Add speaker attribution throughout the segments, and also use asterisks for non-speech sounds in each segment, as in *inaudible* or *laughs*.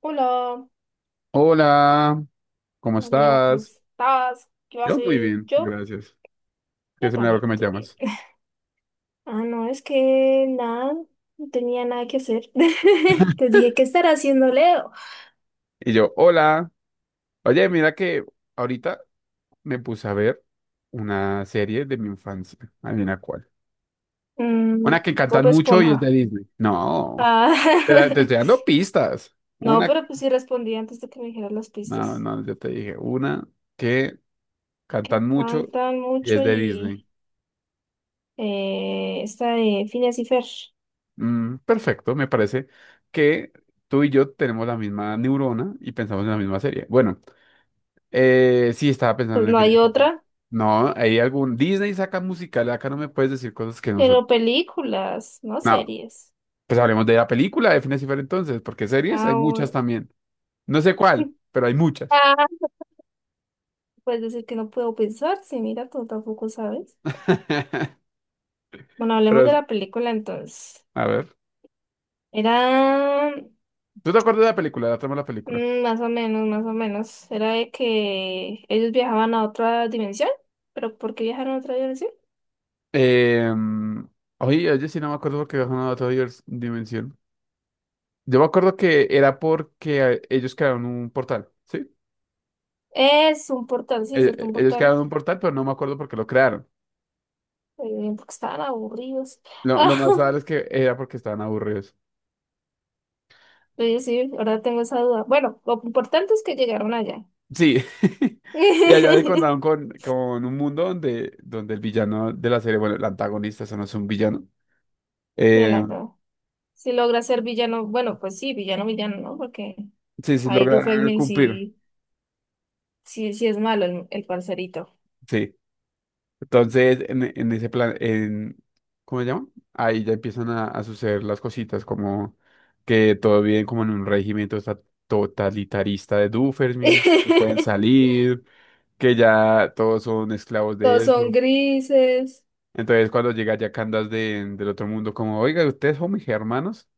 Speaker 1: Hola,
Speaker 2: Hola, ¿cómo
Speaker 1: hola Leo, ¿cómo
Speaker 2: estás?
Speaker 1: estás? ¿Qué vas a
Speaker 2: Yo muy
Speaker 1: hacer?
Speaker 2: bien,
Speaker 1: Yo,
Speaker 2: gracias. Qué
Speaker 1: yo
Speaker 2: es el milagro que
Speaker 1: también
Speaker 2: me
Speaker 1: estoy bien.
Speaker 2: llamas.
Speaker 1: *laughs* Ah, no, es que nada, no tenía nada que hacer. *laughs* Te dije, ¿qué estará haciendo Leo?
Speaker 2: Y yo, hola. Oye, mira que ahorita me puse a ver una serie de mi infancia. Adivina cuál. Una
Speaker 1: Mm,
Speaker 2: que cantan
Speaker 1: Bob
Speaker 2: mucho y es de
Speaker 1: Esponja.
Speaker 2: Disney. No, te
Speaker 1: Ah,
Speaker 2: estoy
Speaker 1: *laughs*
Speaker 2: dando pistas.
Speaker 1: no,
Speaker 2: Una,
Speaker 1: pero pues sí respondí antes de que me dijeran las
Speaker 2: no,
Speaker 1: pistas.
Speaker 2: no, yo te dije, una que
Speaker 1: Que
Speaker 2: cantan mucho
Speaker 1: cantan
Speaker 2: y
Speaker 1: mucho
Speaker 2: es de Disney.
Speaker 1: y esta de Phineas y Fer.
Speaker 2: Mm, perfecto, me parece que tú y yo tenemos la misma neurona y pensamos en la misma serie. Bueno. Sí, estaba pensando
Speaker 1: Pues
Speaker 2: en
Speaker 1: no hay
Speaker 2: Infinity War.
Speaker 1: otra,
Speaker 2: No, hay algún. Disney saca musical, acá no me puedes decir cosas que no son.
Speaker 1: pero películas, no
Speaker 2: No,
Speaker 1: series.
Speaker 2: pues hablemos de la película de Infinity War entonces, porque series hay
Speaker 1: Ah,
Speaker 2: muchas
Speaker 1: bueno.
Speaker 2: también. No sé cuál, pero hay muchas.
Speaker 1: *laughs* Puedes decir que no puedo pensar, sí, mira, tú tampoco sabes.
Speaker 2: *laughs*
Speaker 1: Bueno, hablemos de
Speaker 2: Pero,
Speaker 1: la película entonces.
Speaker 2: a ver.
Speaker 1: Era
Speaker 2: ¿Tú te acuerdas de la película, de la trama de la película?
Speaker 1: más o menos, más o menos. Era de que ellos viajaban a otra dimensión. ¿Pero por qué viajaron a otra dimensión?
Speaker 2: Eh, Oye, oye, sí, no me acuerdo porque bajaron a otra dimensión. Yo me acuerdo que era porque ellos crearon un portal, ¿sí?
Speaker 1: Es un portal, sí, es cierto, un
Speaker 2: Ellos
Speaker 1: portal.
Speaker 2: crearon un portal, pero no me acuerdo por qué lo crearon.
Speaker 1: Porque estaban aburridos.
Speaker 2: Lo más raro es
Speaker 1: *laughs*
Speaker 2: que era porque estaban aburridos.
Speaker 1: Ah, oye, sí, ahora tengo esa duda. Bueno, lo importante es que llegaron allá.
Speaker 2: Sí. *laughs* Y allá se contaron
Speaker 1: *laughs*
Speaker 2: con un mundo donde, donde el villano de la serie, bueno, el antagonista, eso no es un villano. eh,
Speaker 1: Adelante. Si logra ser villano, bueno, pues sí, villano, villano, ¿no? Porque
Speaker 2: sí, sí
Speaker 1: ahí
Speaker 2: logra
Speaker 1: Dufresne
Speaker 2: cumplir.
Speaker 1: sí. Sí, sí es malo el parcerito.
Speaker 2: Sí. Entonces, en ese plan, en, ¿cómo se llama? Ahí ya empiezan a suceder las cositas, como que todo bien, como en un régimen totalitarista de Doofermi, que no pueden
Speaker 1: *laughs*
Speaker 2: salir, que ya todos son esclavos de
Speaker 1: Todos
Speaker 2: él.
Speaker 1: son grises.
Speaker 2: Entonces cuando llega ya Candace de, del otro mundo, como, oiga, ¿ustedes son mis hermanos?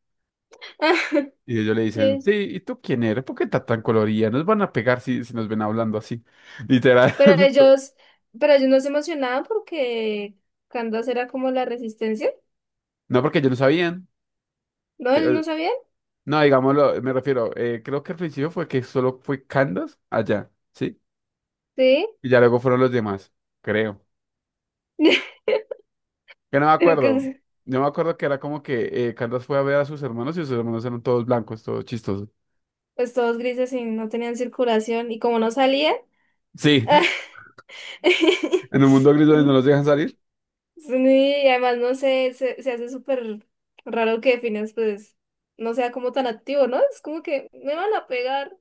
Speaker 1: *laughs*
Speaker 2: Y ellos le dicen, sí,
Speaker 1: Sí.
Speaker 2: ¿y tú quién eres? ¿Por qué estás tan colorida? Nos van a pegar si, si nos ven hablando así. *laughs* Literal.
Speaker 1: Pero
Speaker 2: *laughs*
Speaker 1: ellos, pero ellos no se emocionaban porque Candace era como la resistencia.
Speaker 2: No, porque ellos no sabían.
Speaker 1: ¿No? ¿Ellos
Speaker 2: Eh,
Speaker 1: no sabían?
Speaker 2: No, digámoslo, me refiero, creo que al principio fue que solo fue Candace allá, ¿sí?
Speaker 1: Sí.
Speaker 2: Y ya luego fueron los demás, creo.
Speaker 1: *laughs*
Speaker 2: Que no me
Speaker 1: Es
Speaker 2: acuerdo.
Speaker 1: que,
Speaker 2: No me acuerdo que era como que Candace fue a ver a sus hermanos y sus hermanos eran todos blancos, todos chistosos.
Speaker 1: pues todos grises y no tenían circulación. Y como no salían.
Speaker 2: Sí,
Speaker 1: *laughs*
Speaker 2: *laughs* en un mundo gris donde no los dejan salir.
Speaker 1: Sí, y además no sé, se hace súper raro que Phineas pues no sea como tan activo, ¿no? Es como que me van a pegar.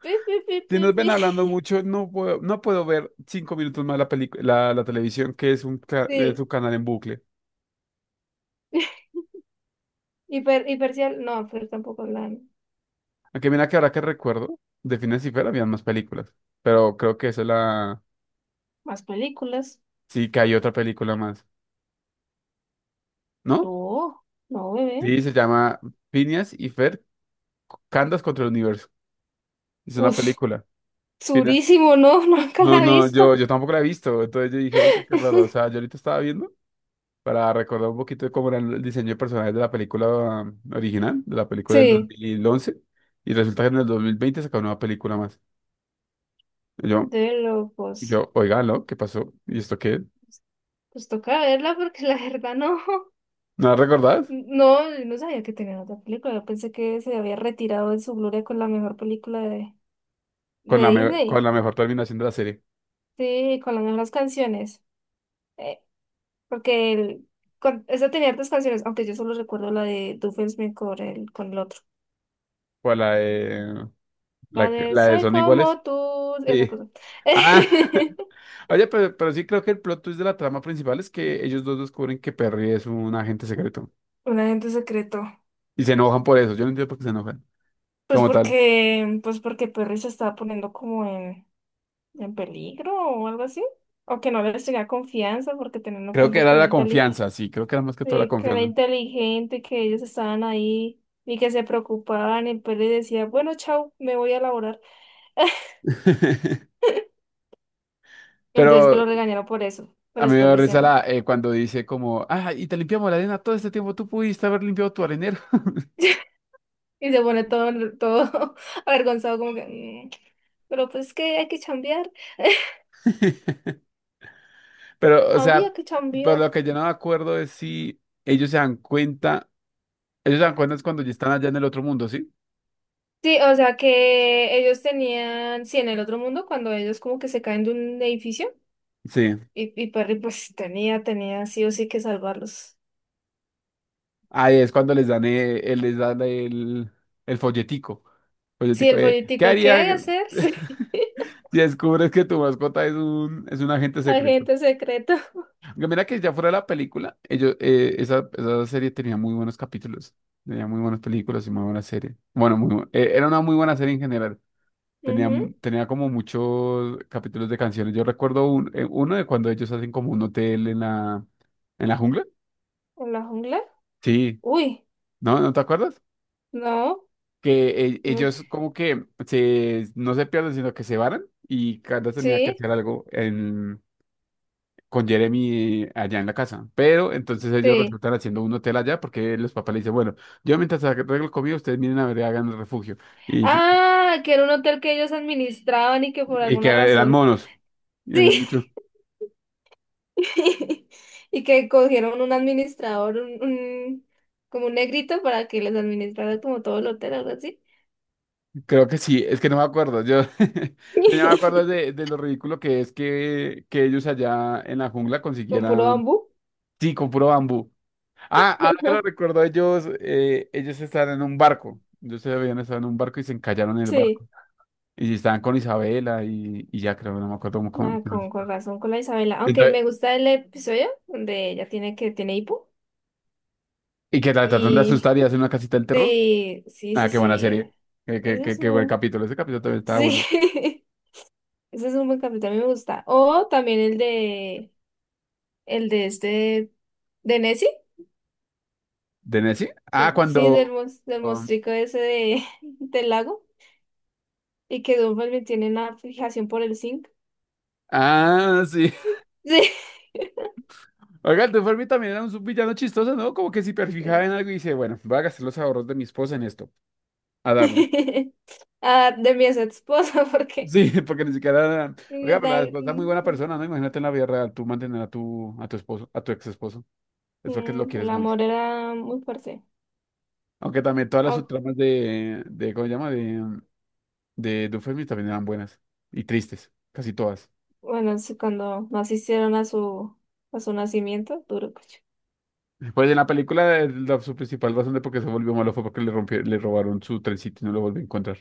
Speaker 1: Pi, pi, pi,
Speaker 2: Si
Speaker 1: pi,
Speaker 2: nos ven
Speaker 1: pi.
Speaker 2: hablando mucho, no puedo ver 5 minutos más la la televisión, que es un, es
Speaker 1: Sí.
Speaker 2: un canal en bucle.
Speaker 1: Hipercial, no, pero tampoco hablan
Speaker 2: Aunque mira que ahora que recuerdo, de Phineas y Ferb habían más películas. Pero creo que esa es la...
Speaker 1: más películas.
Speaker 2: Sí, que hay otra película más. ¿No?
Speaker 1: No, no, bebé.
Speaker 2: Sí, se llama Phineas y Ferb, Candas contra el Universo. Es una
Speaker 1: Uf,
Speaker 2: película. Phineas-
Speaker 1: surísimo, no, *laughs* nunca
Speaker 2: No,
Speaker 1: la he
Speaker 2: no, yo,
Speaker 1: visto.
Speaker 2: yo tampoco la he visto. Entonces yo dije, uy, qué raro. O sea, yo
Speaker 1: *laughs*
Speaker 2: ahorita estaba viendo. Para recordar un poquito de cómo era el diseño de personajes de la película original, de la película del
Speaker 1: Sí,
Speaker 2: 2011, y resulta que en el 2020 sacaron una película más. Y yo,
Speaker 1: de locos.
Speaker 2: yo, oiga, ¿no? ¿Qué pasó? ¿Y esto qué?
Speaker 1: Pues toca verla porque la verdad no.
Speaker 2: ¿No la recordás?
Speaker 1: No, no sabía que tenía otra película. Yo pensé que se había retirado de su gloria con la mejor película de,
Speaker 2: Con
Speaker 1: de
Speaker 2: la,
Speaker 1: Disney.
Speaker 2: con la mejor terminación de la serie.
Speaker 1: Sí, con las mejores canciones. Eh, porque el, con, esa tenía hartas canciones, aunque yo solo recuerdo la de Doofenshmirtz con el otro.
Speaker 2: ¿Cuál la de, la,
Speaker 1: Vale,
Speaker 2: la de
Speaker 1: soy
Speaker 2: Son
Speaker 1: como
Speaker 2: Iguales?
Speaker 1: tú, esa
Speaker 2: Sí.
Speaker 1: cosa. *laughs*
Speaker 2: Ah, *laughs* oye, pero sí creo que el plot twist de la trama principal es que ellos dos descubren que Perry es un agente secreto.
Speaker 1: Un agente secreto.
Speaker 2: Y se enojan por eso. Yo no entiendo por qué se enojan.
Speaker 1: Pues
Speaker 2: Como tal.
Speaker 1: porque, pues porque Perry se estaba poniendo como en, peligro o algo así. O que no le tenía confianza porque teniendo en
Speaker 2: Creo que
Speaker 1: cuenta
Speaker 2: era
Speaker 1: que era
Speaker 2: la
Speaker 1: inteligente,
Speaker 2: confianza, sí, creo que era más que todo la
Speaker 1: que era
Speaker 2: confianza.
Speaker 1: inteligente y que ellos estaban ahí y que se preocupaban y Perry decía, bueno, chao, me voy a laborar.
Speaker 2: *laughs*
Speaker 1: Entonces que
Speaker 2: Pero
Speaker 1: lo regañaron por eso.
Speaker 2: a
Speaker 1: Pero
Speaker 2: mí me
Speaker 1: después
Speaker 2: dio risa
Speaker 1: dicen,
Speaker 2: la, cuando dice como, ah, y te limpiamos la arena todo este tiempo, tú pudiste haber limpiado tu arenero.
Speaker 1: *laughs* y se pone todo, todo *laughs* avergonzado como que, Pero pues que hay que chambear."
Speaker 2: *laughs* Pero, o sea,
Speaker 1: Había que
Speaker 2: pero
Speaker 1: cambiar.
Speaker 2: lo que yo no me acuerdo es si ellos se dan cuenta es cuando ya están allá en el otro mundo, ¿sí?
Speaker 1: Sí, o sea que ellos tenían, sí, en el otro mundo, cuando ellos como que se caen de un edificio,
Speaker 2: Sí.
Speaker 1: y Perry pues tenía sí o sí que salvarlos.
Speaker 2: Ahí es cuando les dan el, el folletico,
Speaker 1: Sí,
Speaker 2: folletico
Speaker 1: el
Speaker 2: de, ¿qué
Speaker 1: folletico, ¿qué
Speaker 2: haría
Speaker 1: hay que hacer? *laughs* Sí,
Speaker 2: *laughs* si descubres que tu mascota es es un agente secreto?
Speaker 1: agente secreto.
Speaker 2: Yo mira que ya fuera de la película, ellos, esa, esa serie tenía muy buenos capítulos, tenía muy buenas películas y muy buena serie. Bueno, muy, era una muy buena serie en general. Tenía,
Speaker 1: Ujú.
Speaker 2: tenía como muchos capítulos de canciones. Yo recuerdo uno de cuando ellos hacen como un hotel en la jungla.
Speaker 1: ¿En la jungla?
Speaker 2: Sí,
Speaker 1: Uy,
Speaker 2: ¿no? ¿No te acuerdas?
Speaker 1: no,
Speaker 2: Que
Speaker 1: no,
Speaker 2: ellos como que se, no se pierden, sino que se varan y cada tenía que
Speaker 1: sí,
Speaker 2: hacer algo con Jeremy allá en la casa. Pero entonces ellos
Speaker 1: sí.
Speaker 2: resultan haciendo un hotel allá porque los papás le dicen, bueno, yo mientras arreglo el comida, ustedes miren a ver, hagan el refugio. Y,
Speaker 1: Ah, que era un hotel que ellos administraban y que por
Speaker 2: y que
Speaker 1: alguna
Speaker 2: eran
Speaker 1: razón.
Speaker 2: monos. Y
Speaker 1: Sí.
Speaker 2: había muchos.
Speaker 1: *laughs* Y que cogieron un administrador, como un negrito para que les administrara como todo el hotel, algo así.
Speaker 2: Creo que sí, es que no me acuerdo. Yo, *laughs* yo no me acuerdo
Speaker 1: *laughs*
Speaker 2: de lo ridículo que es que ellos allá en la jungla
Speaker 1: Con puro
Speaker 2: consiguieran,
Speaker 1: bambú.
Speaker 2: sí, con puro bambú. Ah, ahora que lo
Speaker 1: *laughs*
Speaker 2: recuerdo, ellos, ellos estaban en un barco. Ellos se habían estado en un barco y se encallaron en el
Speaker 1: Sí.
Speaker 2: barco. Y si estaban con Isabela y ya creo, no me acuerdo cómo.
Speaker 1: Ah,
Speaker 2: Cómo
Speaker 1: con
Speaker 2: está.
Speaker 1: razón con la Isabela. Aunque
Speaker 2: Entonces,
Speaker 1: me gusta el episodio donde ella tiene que tiene hipo.
Speaker 2: y que la tratan de
Speaker 1: Y
Speaker 2: asustar y hacen una casita del terror.
Speaker 1: sí, sí,
Speaker 2: Ah,
Speaker 1: sí,
Speaker 2: qué buena
Speaker 1: sí.
Speaker 2: serie.
Speaker 1: Ese es
Speaker 2: Qué buen
Speaker 1: un.
Speaker 2: capítulo. Ese capítulo también estaba
Speaker 1: Sí.
Speaker 2: bueno.
Speaker 1: *laughs* Ese es un buen capítulo, a mí me gusta. O también el de este de Nessie.
Speaker 2: ¿De Nessie? Ah,
Speaker 1: Sí, del,
Speaker 2: cuando.
Speaker 1: mos- del
Speaker 2: um,
Speaker 1: mostrico ese de, *laughs* del lago. Y que Dumbarton tiene una fijación por el zinc.
Speaker 2: Ah, sí.
Speaker 1: *laughs*
Speaker 2: *laughs* Oiga, el Dufermi también era un villano chistoso, ¿no? Como que se hiperfijaba
Speaker 1: Sí.
Speaker 2: en algo y dice, bueno, voy a gastar los ahorros de mi esposa en esto, a darle.
Speaker 1: *laughs* Ah, de mi ex esposa, *laughs* porque
Speaker 2: Sí, *laughs* porque ni siquiera. Oiga, pero la
Speaker 1: de-
Speaker 2: esposa es muy buena
Speaker 1: mm,
Speaker 2: persona, ¿no? Imagínate en la vida real, tú mantener a tu esposo, a tu ex esposo. Es porque lo
Speaker 1: el
Speaker 2: quieres mucho.
Speaker 1: amor era muy fuerte.
Speaker 2: Aunque también todas las
Speaker 1: Ah,
Speaker 2: subtramas de ¿cómo se llama? De Dufemi también eran buenas y tristes, casi todas.
Speaker 1: bueno, sí, cuando no asistieron a su, nacimiento, duro cocho.
Speaker 2: Pues en la película, su principal razón de por qué se volvió malo fue porque le rompió, le robaron su trencito y no lo volvió a encontrar.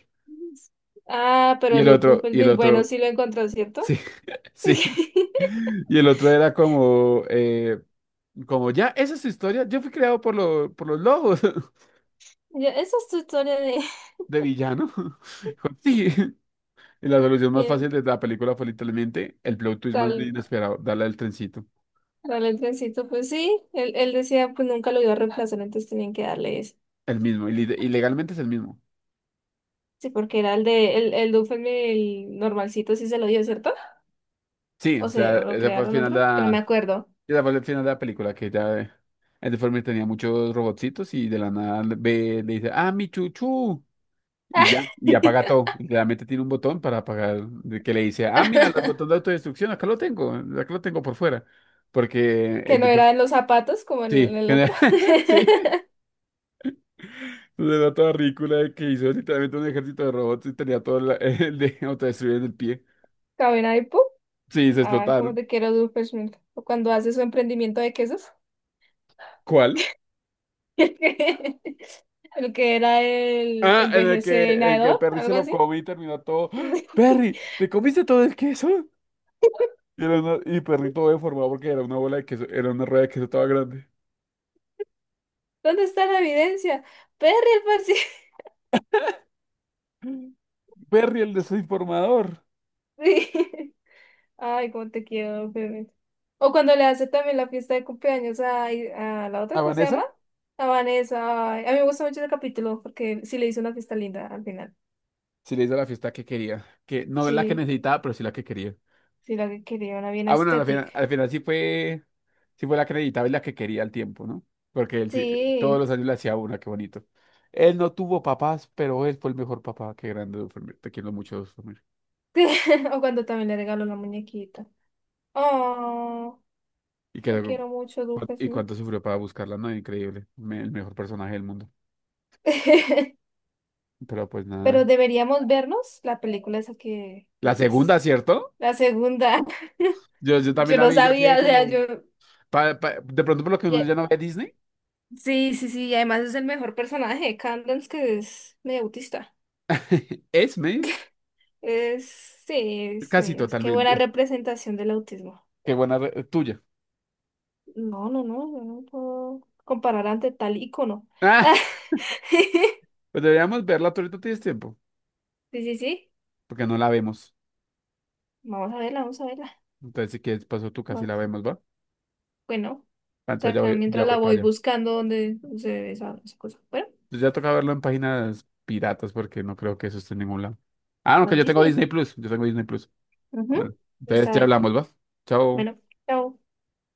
Speaker 1: Ah, pero los
Speaker 2: Y el
Speaker 1: Dumbarton, bueno,
Speaker 2: otro,
Speaker 1: sí lo encontró, ¿cierto?
Speaker 2: sí, *laughs* sí.
Speaker 1: *laughs*
Speaker 2: Y el otro era como, como ya, esa es su historia. Yo fui creado por, por los lobos
Speaker 1: Ya, esa es tu historia de,
Speaker 2: *laughs* de villano. *laughs* Sí. Y la solución más fácil
Speaker 1: de
Speaker 2: de la película fue literalmente el plot twist
Speaker 1: tal.
Speaker 2: más inesperado, darle el trencito.
Speaker 1: Vale, el trencito, pues sí, él decía, pues nunca lo iba a reemplazar, entonces tenían que darle ese.
Speaker 2: El mismo, y, y legalmente es el mismo.
Speaker 1: Sí, porque era el de, el Duffel, el normalcito, sí se lo dio, ¿cierto?
Speaker 2: Sí,
Speaker 1: O
Speaker 2: o
Speaker 1: se,
Speaker 2: sea,
Speaker 1: o lo crearon otro, que no me acuerdo.
Speaker 2: ese fue el final de la película, que ya el deforme tenía muchos robotcitos y de la nada le dice, ah, mi chuchu, y ya, y apaga
Speaker 1: *laughs*
Speaker 2: todo. Y realmente tiene un botón para apagar, de que le dice, ah, mira, los botones de autodestrucción, acá lo tengo por fuera. Porque
Speaker 1: Que
Speaker 2: el
Speaker 1: no era en
Speaker 2: deforme-
Speaker 1: los zapatos, como en el,
Speaker 2: sí,
Speaker 1: en el otro. *laughs*
Speaker 2: *laughs* sí, se da toda ridícula de que hizo literalmente un ejército de robots y tenía todo *laughs* el de autodestruir en el pie.
Speaker 1: Cabina y ¡pum!
Speaker 2: Sí, se
Speaker 1: Ay, cómo
Speaker 2: explotaron.
Speaker 1: te quiero, Doofenshmirtz. O cuando hace su emprendimiento de quesos.
Speaker 2: ¿Cuál?
Speaker 1: *laughs* El que el que era el
Speaker 2: Ah, en el que
Speaker 1: envejecedor,
Speaker 2: Perry se
Speaker 1: algo
Speaker 2: lo
Speaker 1: así.
Speaker 2: comió y terminó todo. ¡Ah! ¡Perry! ¿Te comiste todo el queso? Y,
Speaker 1: *laughs*
Speaker 2: y Perry todo deformado porque era una bola de queso, era una rueda de queso toda grande.
Speaker 1: ¿Dónde está la evidencia? Perry, el parcial.
Speaker 2: Perry, el desinformador.
Speaker 1: Sí. *laughs* Ay, cómo te quiero, bebé. O cuando le hace también la fiesta de cumpleaños a la otra,
Speaker 2: A
Speaker 1: ¿cómo se llama?
Speaker 2: Vanessa
Speaker 1: A Vanessa. Ay, a mí me gusta mucho ese capítulo porque sí le hizo una fiesta linda al final.
Speaker 2: sí le hizo la fiesta que quería. Que no es la que
Speaker 1: Sí,
Speaker 2: necesitaba, pero sí la que quería.
Speaker 1: sí, la que quería, una bien
Speaker 2: Ah, bueno,
Speaker 1: estética.
Speaker 2: al final sí fue la que necesitaba y la que quería al tiempo, ¿no? Porque él sí- Todos
Speaker 1: Sí.
Speaker 2: los años le hacía una, qué bonito. Él no tuvo papás, pero él fue el mejor papá. Qué grande, Duffer. Te quiero mucho, Duffer.
Speaker 1: *laughs* O cuando también le regaló la muñequita. Oh,
Speaker 2: Y,
Speaker 1: te
Speaker 2: que
Speaker 1: quiero mucho, Duque.
Speaker 2: y
Speaker 1: Sí.
Speaker 2: cuánto sufrió para buscarla, ¿no? Increíble. El mejor personaje del mundo.
Speaker 1: *laughs*
Speaker 2: Pero pues
Speaker 1: Pero
Speaker 2: nada.
Speaker 1: deberíamos vernos la película esa que
Speaker 2: La
Speaker 1: dijiste.
Speaker 2: segunda, ¿cierto?
Speaker 1: La segunda. *laughs*
Speaker 2: Yo también
Speaker 1: Yo
Speaker 2: la
Speaker 1: no
Speaker 2: vi, yo
Speaker 1: sabía,
Speaker 2: quedé
Speaker 1: o sea,
Speaker 2: como...
Speaker 1: yo.
Speaker 2: De pronto por lo que uno ya no ve Disney.
Speaker 1: Sí, sí, sí, y además es el mejor personaje de Candance, que es medio autista.
Speaker 2: *laughs* Esme,
Speaker 1: Es, sí, sí,
Speaker 2: casi
Speaker 1: es que buena
Speaker 2: totalmente.
Speaker 1: representación del autismo.
Speaker 2: Tuya. *laughs*
Speaker 1: No, no, no, yo no puedo comparar ante tal ícono.
Speaker 2: Ah,
Speaker 1: *laughs*
Speaker 2: pues deberíamos verla, tú ahorita tienes tiempo,
Speaker 1: Sí, sí, sí,
Speaker 2: porque no la vemos.
Speaker 1: vamos a verla, vamos a verla.
Speaker 2: Entonces, si quieres, paso tú casi la
Speaker 1: Vamos.
Speaker 2: vemos, ¿va?
Speaker 1: Bueno,
Speaker 2: Ah,
Speaker 1: o sea,
Speaker 2: entonces
Speaker 1: acá
Speaker 2: ya
Speaker 1: mientras la
Speaker 2: voy
Speaker 1: voy
Speaker 2: para allá.
Speaker 1: buscando donde se ve esa cosa. Bueno,
Speaker 2: Entonces ya toca verlo en páginas piratas, porque no creo que eso esté en ningún lado. Ah, no,
Speaker 1: o
Speaker 2: que
Speaker 1: en
Speaker 2: yo tengo
Speaker 1: Disney.
Speaker 2: Disney Plus, yo tengo Disney Plus.
Speaker 1: Ujú.
Speaker 2: Bueno, entonces
Speaker 1: Está
Speaker 2: ya
Speaker 1: ahí.
Speaker 2: hablamos, ¿va? Chao.
Speaker 1: Bueno, chao.